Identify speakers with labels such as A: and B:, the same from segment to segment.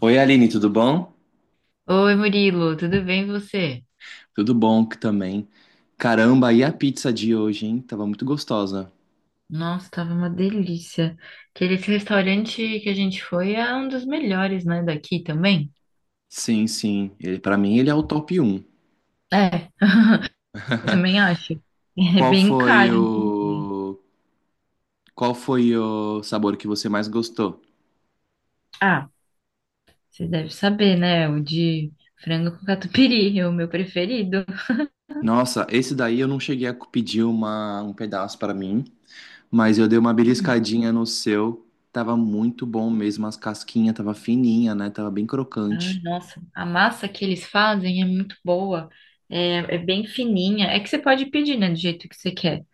A: Oi, Aline, tudo bom?
B: Oi, Murilo, tudo bem e você?
A: Tudo bom que também. Caramba, e a pizza de hoje, hein? Tava muito gostosa.
B: Nossa, tava uma delícia. Aquele esse restaurante que a gente foi é um dos melhores, né, daqui também?
A: Sim, sim. Para mim, ele é o top um.
B: É, eu também acho. É
A: Qual
B: bem
A: foi
B: caro.
A: o qual foi o sabor que você mais gostou?
B: Ah, você deve saber, né? O de frango com catupiry, é o meu preferido.
A: Nossa, esse daí eu não cheguei a pedir um pedaço para mim, mas eu dei uma
B: Hum,
A: beliscadinha no seu. Tava muito bom mesmo, as casquinhas tava fininha, né? Tava bem
B: ai,
A: crocante.
B: nossa, a massa que eles fazem é muito boa. É, é bem fininha. É que você pode pedir, né, do jeito que você quer.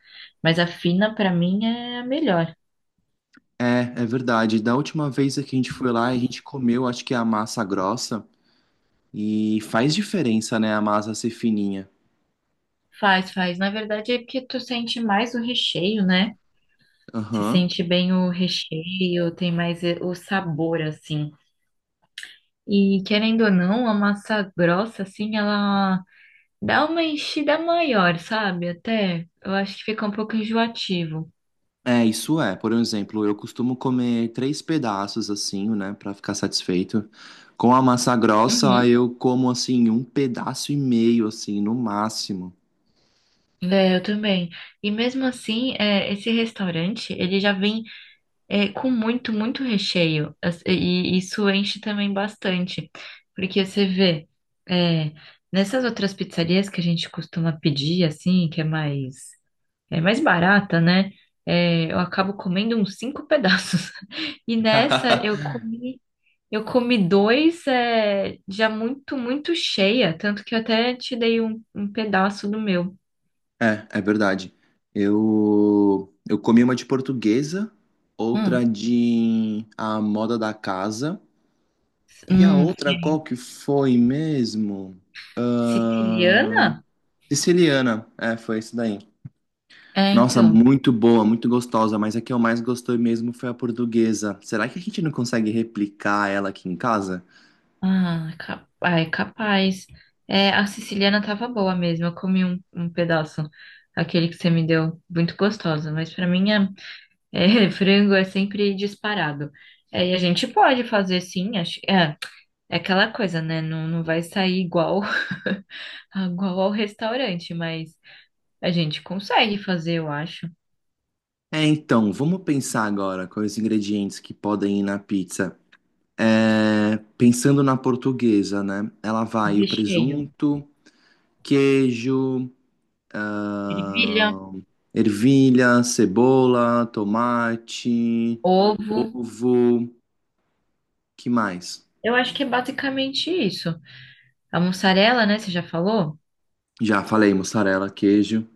B: Mas a fina, pra mim, é a melhor.
A: É, é verdade. Da última vez que a gente foi lá, a gente comeu, acho que a massa grossa. E faz diferença, né, a massa ser fininha.
B: Faz, faz. Na verdade é porque tu sente mais o recheio, né? Se
A: Aham.
B: sente bem o recheio, tem mais o sabor, assim. E querendo ou não, a massa grossa, assim, ela dá uma enchida maior, sabe? Até eu acho que fica um pouco enjoativo.
A: É, isso é. Por exemplo, eu costumo comer três pedaços assim, né, pra ficar satisfeito. Com a massa grossa,
B: Uhum.
A: aí eu como assim um pedaço e meio assim, no máximo.
B: É, eu também. E mesmo assim, é, esse restaurante, ele já vem. É, com muito, muito recheio. E isso enche também bastante. Porque você vê, é, nessas outras pizzarias que a gente costuma pedir, assim, é mais barata, né? É, eu acabo comendo uns cinco pedaços. E nessa eu comi dois, é, já muito, muito cheia. Tanto que eu até te dei um pedaço do meu.
A: É, é verdade. Eu comi uma de portuguesa,
B: Hum,
A: outra de a moda da casa e a
B: hum,
A: outra qual que foi mesmo?
B: siciliana?
A: Siciliana, é, foi isso daí.
B: É,
A: Nossa,
B: então.
A: muito boa, muito gostosa, mas a que eu mais gostei mesmo foi a portuguesa. Será que a gente não consegue replicar ela aqui em casa?
B: Ah, ai, capaz. É, a siciliana tava boa mesmo. Eu comi um pedaço, aquele que você me deu, muito gostoso. Mas pra mim, é, frango é sempre disparado. É, e a gente pode fazer sim. Acho, é aquela coisa, né? Não, não vai sair igual, igual ao restaurante, mas a gente consegue fazer, eu acho.
A: É, então, vamos pensar agora com os ingredientes que podem ir na pizza. É, pensando na portuguesa, né? Ela
B: O
A: vai o
B: recheio,
A: presunto, queijo,
B: ervilha,
A: ahn, ervilha, cebola, tomate,
B: ovo.
A: ovo, que mais?
B: Eu acho que é basicamente isso. A mussarela, né? Você já falou?
A: Já falei, mussarela, queijo.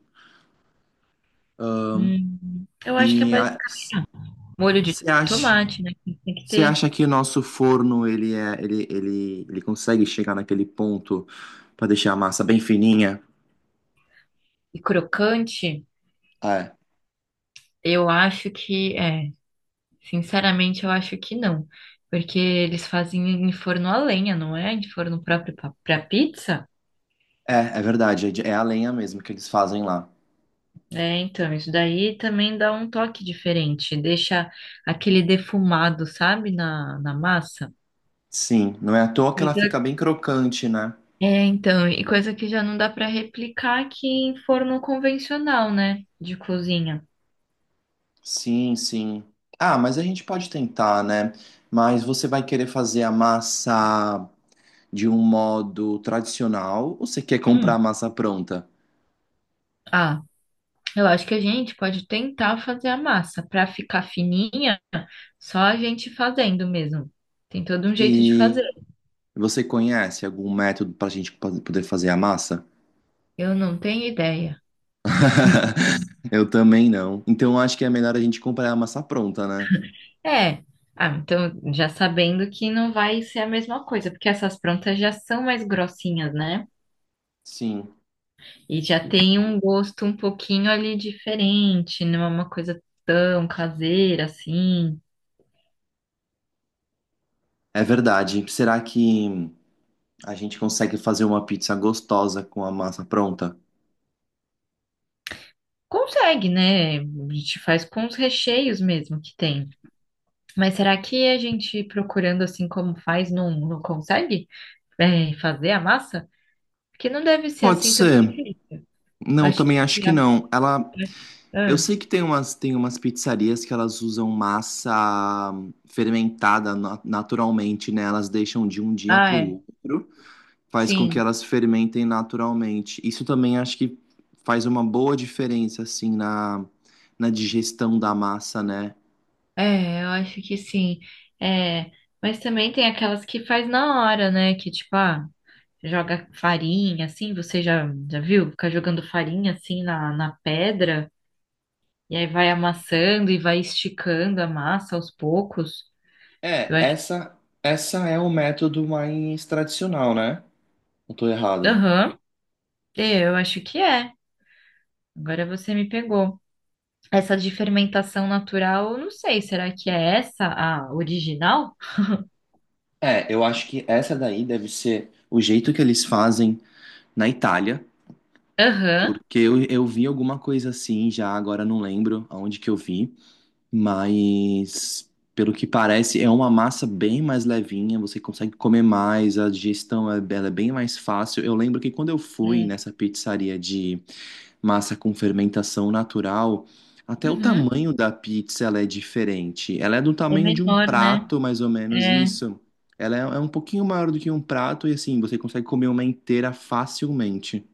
B: Eu acho que é
A: E
B: mais molho de
A: você acha,
B: tomate, né? que Tem que
A: você
B: ter.
A: acha que o nosso forno ele é, ele consegue chegar naquele ponto para deixar a massa bem fininha?
B: E crocante,
A: É,
B: eu acho que é. Sinceramente, eu acho que não. Porque eles fazem em forno a lenha, não é? Em forno próprio pra pizza.
A: é verdade, é a lenha mesmo que eles fazem lá.
B: É, então, isso daí também dá um toque diferente. Deixa aquele defumado, sabe? Na massa.
A: Sim, não é à toa que ela fica
B: Coisa-
A: bem crocante, né?
B: É, então, e coisa que já não dá pra replicar aqui em forno convencional, né? De cozinha.
A: Sim, sim. Ah, mas a gente pode tentar, né? Mas você vai querer fazer a massa de um modo tradicional ou você quer comprar a
B: Hum.
A: massa pronta?
B: Ah. Eu acho que a gente pode tentar fazer a massa para ficar fininha, só a gente fazendo mesmo. Tem todo um jeito de fazer.
A: E você conhece algum método para a gente poder fazer a massa?
B: Eu não tenho ideia.
A: Eu também não. Então eu acho que é melhor a gente comprar a massa pronta, né?
B: É. Ah, então já sabendo que não vai ser a mesma coisa, porque essas prontas já são mais grossinhas, né?
A: Sim,
B: E já tem um gosto um pouquinho ali diferente, não é uma coisa tão caseira assim.
A: é verdade. Será que a gente consegue fazer uma pizza gostosa com a massa pronta?
B: Consegue, né? A gente faz com os recheios mesmo que tem. Mas será que a gente procurando assim como faz não consegue fazer a massa? Porque não deve ser
A: Pode
B: assim tão.
A: ser.
B: Eu
A: Não,
B: acho
A: também acho
B: que.
A: que
B: A-
A: não. Ela, eu
B: Ah,
A: sei que tem umas pizzarias que elas usam massa fermentada naturalmente, né? Elas deixam de um dia
B: ah,
A: para
B: é.
A: o outro. Faz com que
B: Sim.
A: elas fermentem naturalmente. Isso também acho que faz uma boa diferença, assim, na, na digestão da massa, né?
B: É, eu acho que sim. É, mas também tem aquelas que faz na hora, né? Que tipo, ah, joga farinha assim. Você já viu? Ficar jogando farinha assim na pedra. E aí vai amassando e vai esticando a massa aos poucos.
A: É,
B: Eu acho.
A: essa é o método mais tradicional, né? Não tô errado.
B: Aham. É, eu acho que é. Agora você me pegou. Essa de fermentação natural, eu não sei, será que é essa a original?
A: É, eu acho que essa daí deve ser o jeito que eles fazem na Itália,
B: Aham,
A: porque eu vi alguma coisa assim já, agora não lembro aonde que eu vi. Mas, pelo que parece, é uma massa bem mais levinha, você consegue comer mais, a digestão é, ela é bem mais fácil. Eu lembro que quando eu fui
B: é.
A: nessa pizzaria de massa com fermentação natural, até o
B: Uhum.
A: tamanho da pizza ela é diferente. Ela é do
B: É
A: tamanho de um
B: menor, né?
A: prato, mais ou menos
B: É,
A: isso. Ela é, é um pouquinho maior do que um prato e assim, você consegue comer uma inteira facilmente.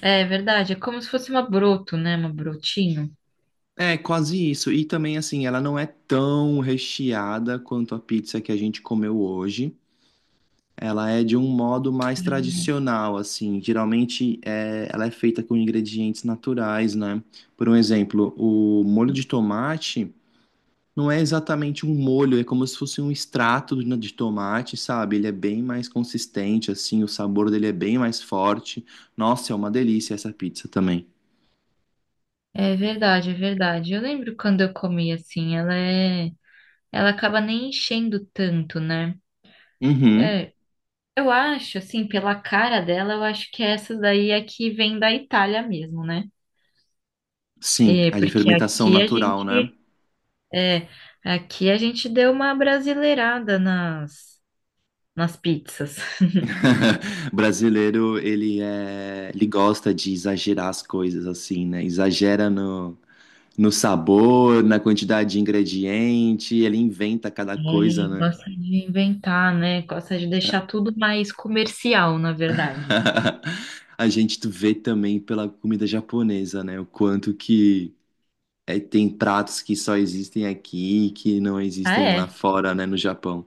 B: é verdade, é como se fosse uma broto, né? Uma brotinho.
A: É, quase isso. E também, assim, ela não é tão recheada quanto a pizza que a gente comeu hoje. Ela é de um modo mais tradicional, assim. Geralmente é, ela é feita com ingredientes naturais, né? Por um exemplo, o molho de tomate não é exatamente um molho, é como se fosse um extrato de tomate, sabe? Ele é bem mais consistente, assim, o sabor dele é bem mais forte. Nossa, é uma delícia essa pizza também.
B: É verdade, é verdade. Eu lembro quando eu comi assim, ela é, ela acaba nem enchendo tanto, né?
A: Uhum.
B: É, eu acho, assim, pela cara dela, eu acho que essa daí é que vem da Itália mesmo, né?
A: Sim,
B: É,
A: a de
B: porque
A: fermentação
B: aqui a
A: natural, né?
B: gente É, aqui a gente deu uma brasileirada nas pizzas.
A: Brasileiro, ele é, ele gosta de exagerar as coisas assim, né? Exagera no, no sabor, na quantidade de ingrediente, ele inventa cada coisa,
B: É,
A: né?
B: gosta de inventar, né? Gosta de deixar tudo mais comercial, na verdade.
A: A gente tu vê também pela comida japonesa, né? O quanto que é, tem pratos que só existem aqui, e que não
B: Ah,
A: existem lá
B: é,
A: fora, né, no Japão.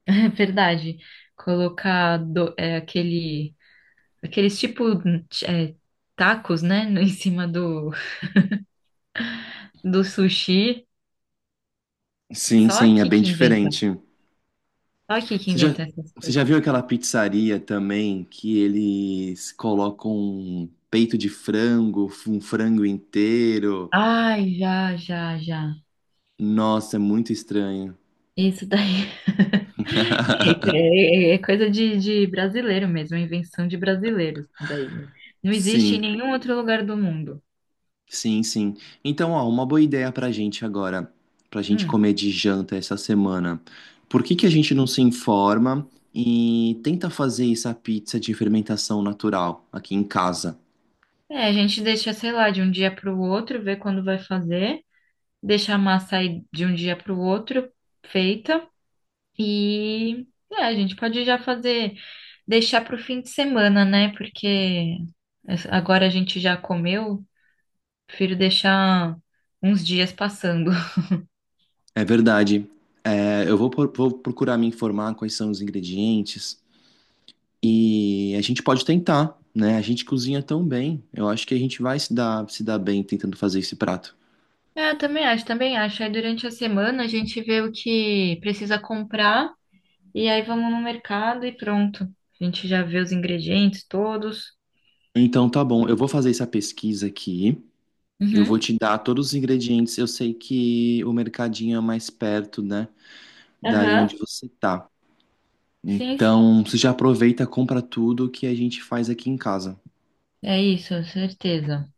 B: é verdade. É, aqueles tipo é, tacos, né, em cima do sushi.
A: Sim,
B: Só
A: sim, é
B: aqui
A: bem
B: que inventa.
A: diferente.
B: Só aqui que
A: Você já,
B: inventa essas
A: você
B: coisas.
A: já viu aquela pizzaria também que eles colocam um peito de frango, um frango inteiro?
B: Ai, já, já, já.
A: Nossa, é muito estranho.
B: Isso daí é coisa de brasileiro mesmo, é invenção de brasileiros. Isso daí não existe em
A: Sim,
B: nenhum outro lugar do mundo.
A: sim, sim. Então, ó, uma boa ideia pra gente agora, pra gente
B: Hum.
A: comer de janta essa semana. Por que que a gente não se informa e tenta fazer essa pizza de fermentação natural aqui em casa?
B: É, a gente deixa, sei lá, de um dia para o outro, ver quando vai fazer, deixa a massa aí de um dia para o outro feita e a gente pode já fazer, deixar para o fim de semana, né? Porque agora a gente já comeu, prefiro deixar uns dias passando.
A: É verdade. É, eu vou, vou procurar me informar quais são os ingredientes e a gente pode tentar, né? A gente cozinha tão bem. Eu acho que a gente vai se dar bem tentando fazer esse prato.
B: É, eu também acho, também acho. Aí durante a semana a gente vê o que precisa comprar e aí vamos no mercado e pronto. A gente já vê os ingredientes todos.
A: Então, tá bom. Eu vou fazer essa pesquisa aqui. Eu vou
B: Uhum.
A: te dar todos os ingredientes. Eu sei que o mercadinho é mais perto, né? Daí onde
B: Aham.
A: você tá.
B: Sim, sim.
A: Então, você já aproveita, compra tudo que a gente faz aqui em casa.
B: É isso, certeza.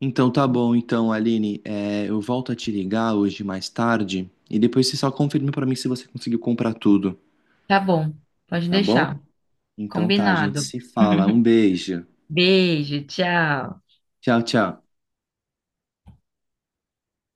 A: Então, tá bom. Então, Aline, é, eu volto a te ligar hoje mais tarde e depois você só confirma pra mim se você conseguiu comprar tudo,
B: Tá bom, pode
A: tá
B: deixar.
A: bom? Então, tá. A gente
B: Combinado.
A: se fala. Um beijo.
B: Beijo, tchau.
A: Tchau, tchau.